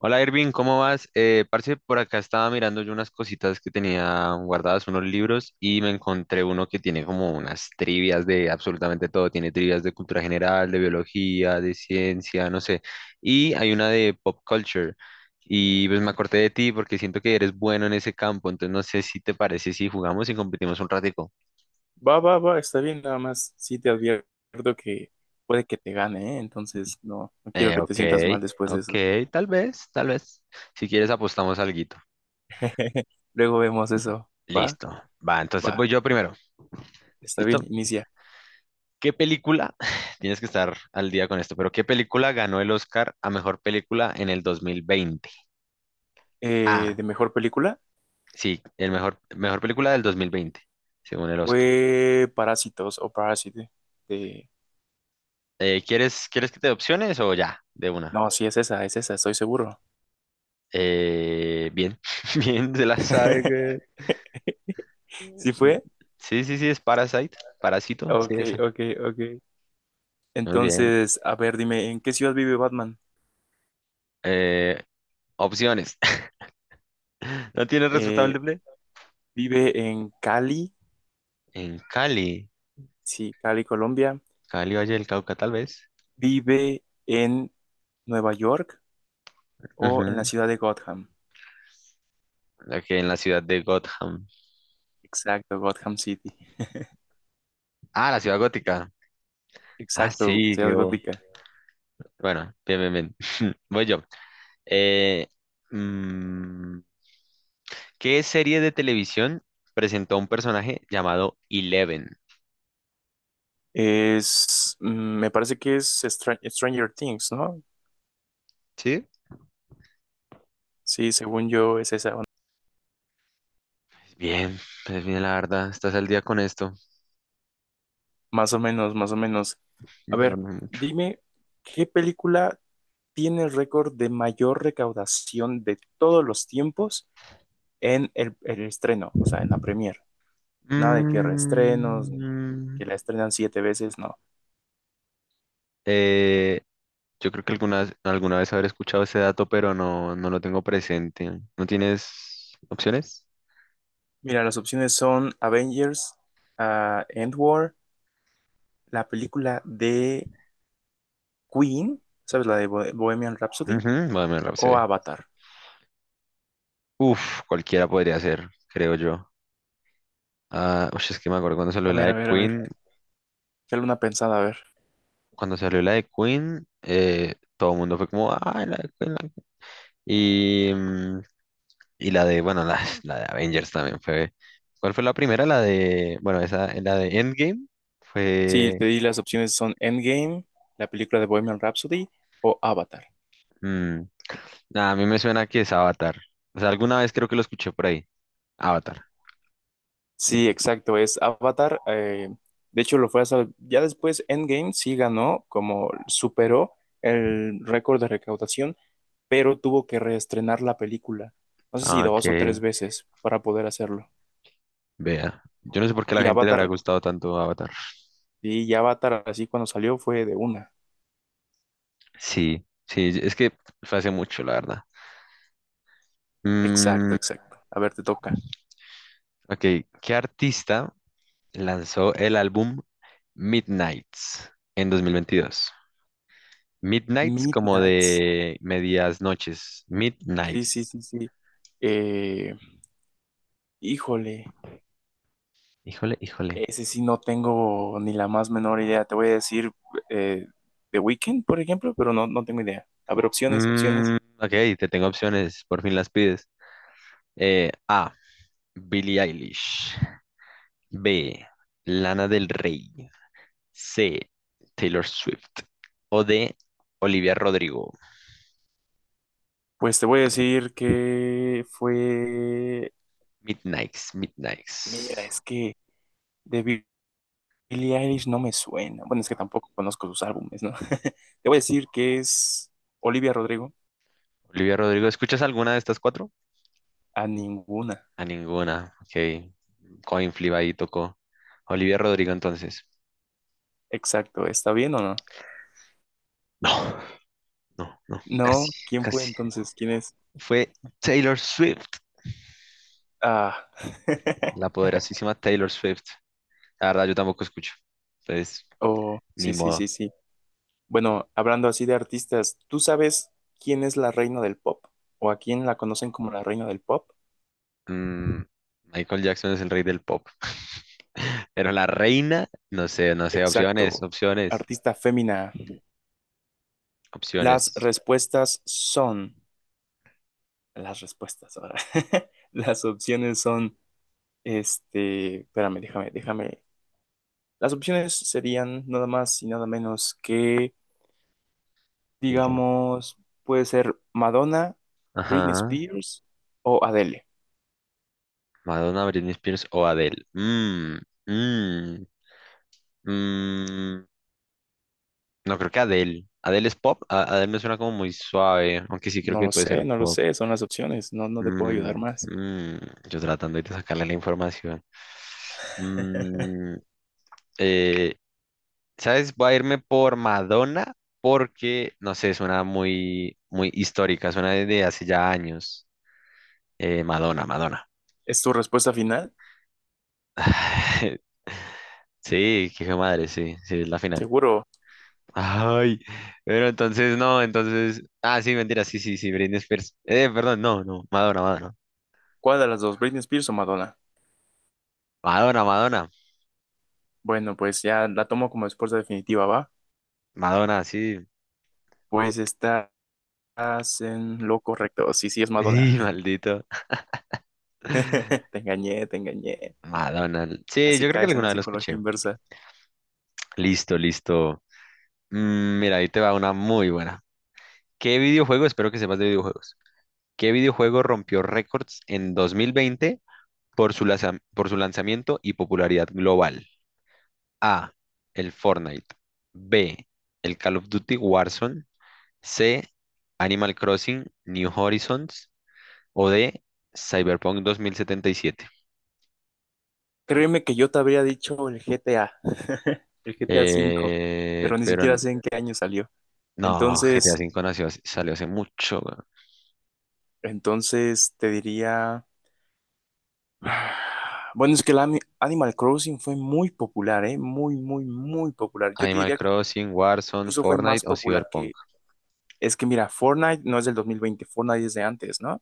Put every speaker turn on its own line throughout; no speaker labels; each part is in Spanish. Hola Irving, ¿cómo vas? Parce, por acá estaba mirando yo unas cositas que tenía guardadas, unos libros, y me encontré uno que tiene como unas trivias de absolutamente todo. Tiene trivias de cultura general, de biología, de ciencia, no sé. Y hay una de pop culture. Y pues me acordé de ti porque siento que eres bueno en ese campo, entonces no sé si te parece si jugamos y competimos un ratico.
Va, va, va, está bien, nada más. Sí te advierto que puede que te gane, ¿eh? Entonces no, no quiero que te
Ok,
sientas mal después de
ok,
eso.
tal vez, tal vez. Si quieres apostamos alguito.
Luego vemos eso. Va,
Listo. Va, entonces
va,
voy yo primero.
está bien,
¿Listo?
inicia.
¿Qué película? Tienes que estar al día con esto, pero ¿qué película ganó el Oscar a mejor película en el 2020? Ah,
De mejor película
sí, el mejor, mejor película del 2020, según el Oscar.
fue Parásitos o Parásite. de-
¿Quieres, quieres que te dé opciones o ya, de una?
No, sí es esa, estoy seguro.
Bien, bien, se la sabe, güey.
¿Sí fue?
Sí, sí, sí, es Parasite, Parásito, sí,
Ok,
esa.
ok, ok.
Muy bien.
Entonces, a ver, dime, ¿en qué ciudad vive Batman?
Eh, opciones. ¿No tienes resultado
Eh,
múltiple?
¿Vive en Cali?
En Cali,
Sí, Cali, Colombia.
Cali, Valle del Cauca, tal vez.
Vive en Nueva York o en la
Ujú.
ciudad de Gotham.
Ok, en la ciudad de Gotham.
Exacto, Gotham City.
Ah, la ciudad gótica. Ah,
Exacto,
sí,
ciudad gótica.
bueno, bien, bien, bien. Voy yo. Eh, mm, ¿Qué serie de televisión presentó a un personaje llamado Eleven?
Es, mm, me parece que es Stranger Things, ¿no?
¿Sí?
Sí, según yo es esa onda.
Bien, pues bien, la verdad, estás al día con esto.
Más o menos, más o menos. A
Yo no
ver,
mucho.
dime, ¿qué película tiene el récord de mayor recaudación de todos los tiempos en el estreno? O sea, en la premier. Nada de que reestrenos, ni
Mm,
que la estrenan siete veces, no.
eh, yo creo que alguna vez habré escuchado ese dato, pero no, no lo tengo presente. ¿No tienes opciones?
Mira, las opciones son Avengers, End War, la película de Queen, ¿sabes? La de Bohemian Rhapsody
Ujú. Bueno, me lo
o
sé.
Avatar.
Uf, cualquiera podría ser, creo yo. Ah, ush, es que me acuerdo cuando
A
salió la
ver, a
de
ver, a ver.
Queen.
Dale una pensada, a ver.
Cuando salió la de Queen, todo el mundo fue como, ah, la de Queen, la de Queen. Y, mm, y la de, bueno, la, la de Avengers también fue. ¿Cuál fue la primera? La de, bueno, esa, la de Endgame
Sí,
fue.
te di las opciones son Endgame, la película de Bohemian Rhapsody o Avatar.
mm, nah, a mí me suena que es Avatar. O sea, alguna vez creo que lo escuché por ahí. Avatar.
Sí, exacto, es Avatar. De hecho, lo fue hasta ya después Endgame sí ganó, como superó el récord de recaudación, pero tuvo que reestrenar la película. No sé si
Ah,
dos o
que
tres veces para poder hacerlo.
vea. Yo no sé por qué a la
Y
gente le habrá
Avatar,
gustado tanto Avatar.
y Avatar así cuando salió fue de una.
Sí, sí, es que fue hace mucho, la verdad.
Exacto,
Mm,
exacto. A ver, te toca.
ok, ¿qué artista lanzó el álbum Midnights en 2022? Midnights como
Midnights.
de medias noches.
Sí, sí,
Midnights.
sí, sí. Eh, híjole,
Híjole, híjole.
ese sí no tengo ni la más menor idea. Te voy a decir eh, The Weeknd, por ejemplo, pero no, no tengo idea. A ver, opciones, opciones.
Ok, te tengo opciones, por fin las pides. A, Billie Eilish. B, Lana del Rey. C, Taylor Swift. O D, Olivia Rodrigo.
Pues te voy a decir que fue...
Midnights,
Mira,
Midnights.
es que de Billie Eilish no me suena. Bueno, es que tampoco conozco sus álbumes, ¿no? Te voy a decir que es Olivia Rodrigo.
Olivia Rodrigo, ¿escuchas alguna de estas cuatro?
A ninguna.
A ninguna. Ok. Coin flip ahí tocó. Olivia Rodrigo entonces.
Exacto. ¿Está bien o no?
No, no, no. Casi,
No, ¿quién fue
casi.
entonces? ¿Quién es?
Fue Taylor Swift.
Ah.
La poderosísima Taylor Swift. La verdad, yo tampoco escucho. Entonces,
Oh,
ni
sí, sí, sí,
modo.
sí. Bueno, hablando así de artistas, ¿tú sabes quién es la reina del pop? ¿O a quién la conocen como la reina del pop?
Mm, Michael Jackson es el rey del pop. Pero la reina, no sé, no sé.
Exacto.
Opciones, opciones,
Artista fémina. Las
opciones.
respuestas son. Las respuestas ahora. Las opciones son. Este. Espérame, déjame, déjame. Las opciones serían nada más y nada menos que.
Piensa.
Digamos, puede ser Madonna, Britney
Ajá.
Spears o Adele.
Madonna, Britney Spears o Adele. Mmm, mmm. No, creo que Adele. Adele es pop. Adele me suena como muy suave, aunque sí creo
No
que
lo
puede
sé,
ser
no lo
pop.
sé, son las opciones, no, no te puedo
Mm,
ayudar más.
mm, yo tratando de sacarle la información. Mm, eh, ¿Sabes? Voy a irme por Madonna porque, no sé, suena muy, muy histórica, suena desde hace ya años. Madonna, Madonna.
¿Es tu respuesta final?
Sí, qué hijo de madre, sí, sí, es la final.
Seguro.
Ay, pero entonces no, entonces. Ah, sí, mentira, sí, sí, sí, Britney Spears. Perdón, no, no, Madonna, Madonna.
¿Cuál de las dos, Britney Spears o Madonna?
Madonna, Madonna.
Bueno, pues ya la tomo como respuesta definitiva, ¿va?
Madonna, sí.
Pues estás en lo correcto. Sí, sí, es Madonna.
Y maldito.
Te engañé, te engañé.
Madonna. Sí,
Casi
yo creo que
caes en la
alguna vez lo
psicología
escuché.
inversa.
Listo, listo. Mira, ahí te va una muy buena. ¿Qué videojuego? Espero que sepas de videojuegos. ¿Qué videojuego rompió récords en 2020 por su lanzamiento y popularidad global? A. El Fortnite. B. El Call of Duty Warzone. C. Animal Crossing New Horizons. O D. Cyberpunk 2077.
Créeme que yo te habría dicho el GTA, el GTA 5, pero ni
Pero
siquiera sé en qué año salió.
no, GTA
Entonces,
V nació, salió hace mucho, weón.
Entonces te diría, bueno, es que el Animal Crossing fue muy popular, ¿eh? Muy, muy, muy popular. Yo te
Animal
diría que
Crossing, Warzone,
incluso fue más
Fortnite o
popular
Cyberpunk.
que, es que mira, Fortnite no es del 2020. Fortnite es de antes, ¿no?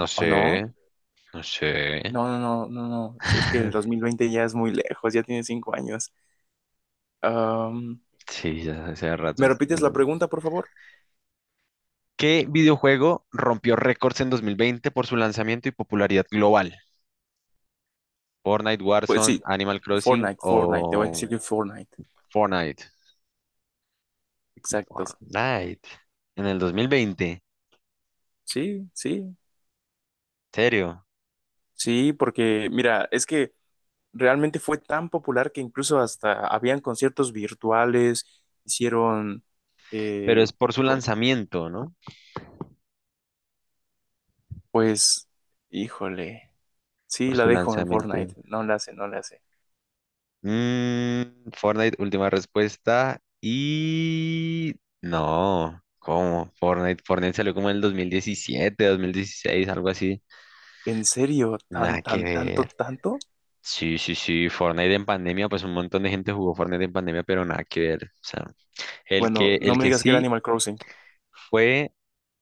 No
¿O
sé,
no?
no sé.
No, no, no, no, no. Si, es que el dos mil veinte ya es muy lejos, ya tiene 5 años. Am,
Sí, ya hace rato.
¿Me repites
No,
la
no.
pregunta, por favor?
¿Qué videojuego rompió récords en 2020 por su lanzamiento y popularidad global? Fortnite,
Pues
Warzone,
sí,
Animal Crossing
Fortnite, Fortnite, te voy a
o
decir que Fortnite.
Fortnite.
Exactos.
Fortnite. En el dos mil veinte.
Sí, sí,
¿Serio?
sí, porque mira, es que... realmente fue tan popular que incluso hasta habían conciertos virtuales, hicieron,
Pero
eh,
es por su
com-
lanzamiento, ¿no?
pues, híjole, sí,
Por
la
su
dejo en
lanzamiento.
Fortnite, no la hace, no la hace.
Fortnite, última respuesta. Y no, ¿cómo? Fortnite, Fortnite salió como en el dos mil diecisiete, dos mil dieciséis, algo así.
¿En serio? ¿Tan,
Nada que
tan, tanto,
ver.
tanto?
Sí, sí, sí, Fortnite en pandemia, pues un montón de gente jugó Fortnite en pandemia, pero nada que ver. O sea, el
Bueno,
que,
no
el
me
que
digas que era
sí
Animal Crossing.
fue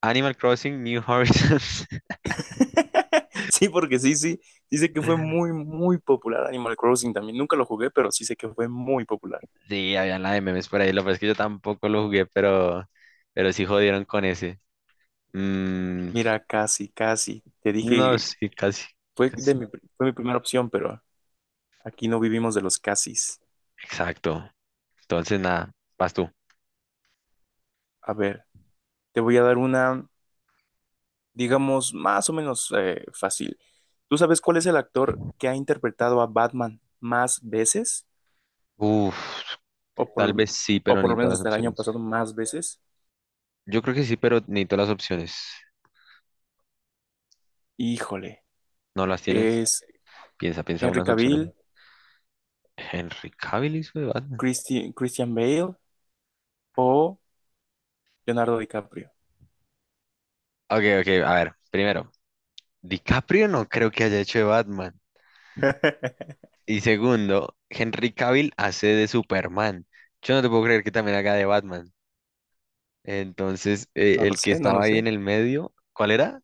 Animal Crossing New Horizons.
Sí, porque sí, sí, sí sé que fue muy, muy popular Animal Crossing también. Nunca lo jugué, pero sí sé que fue muy popular.
Sí, había la de memes por ahí, lo que pasa es que yo tampoco lo jugué, pero sí jodieron con ese. Mm,
Mira, casi, casi. Te
No,
dije,
sí, casi,
fue, de
casi.
mi, fue mi primera opción, pero aquí no vivimos de los casis.
Exacto. Entonces, nada, vas tú.
A ver, te voy a dar una, digamos, más o menos fácil. ¿Tú sabes cuál es el actor que ha interpretado a Batman más veces?
Uf,
O por,
tal
lo-
vez sí,
o
pero
por lo
necesito
menos
las
hasta el año
opciones.
pasado más veces.
Yo creo que sí, pero necesito las opciones.
Híjole,
¿No las tienes?
¿es
Piensa, piensa
Henry
unas opciones.
Cavill,
Henry Cavill hizo de Batman.
Christian Bale o Leonardo DiCaprio?
Ok, ok, a ver. Primero, DiCaprio no creo que haya hecho de Batman. Y segundo, Henry Cavill hace de Superman. Yo no te puedo creer que también haga de Batman. Entonces,
No lo
el que
sé, no
estaba
lo
ahí en
sé.
el medio, ¿cuál era?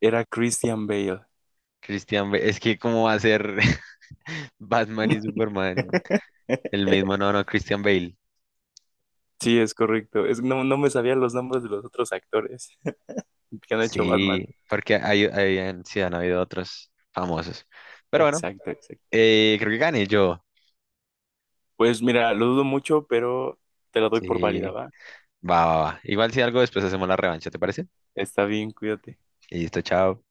Era Christian Bale.
Christian Bale. Es que, ¿cómo va a ser? Batman y Superman, el mismo, no, no, Christian Bale.
Sí, es correcto. No, no me sabía los nombres de los otros actores que han hecho Batman.
Sí, porque sí, han habido otros famosos. Pero bueno,
Exacto, exacto.
creo que gané yo.
Pues mira, lo dudo mucho, pero te la doy
Sí,
por válida, ¿va?
va, va, va. Igual si algo después hacemos la revancha, ¿te parece?
Está bien, cuídate.
Listo, chao.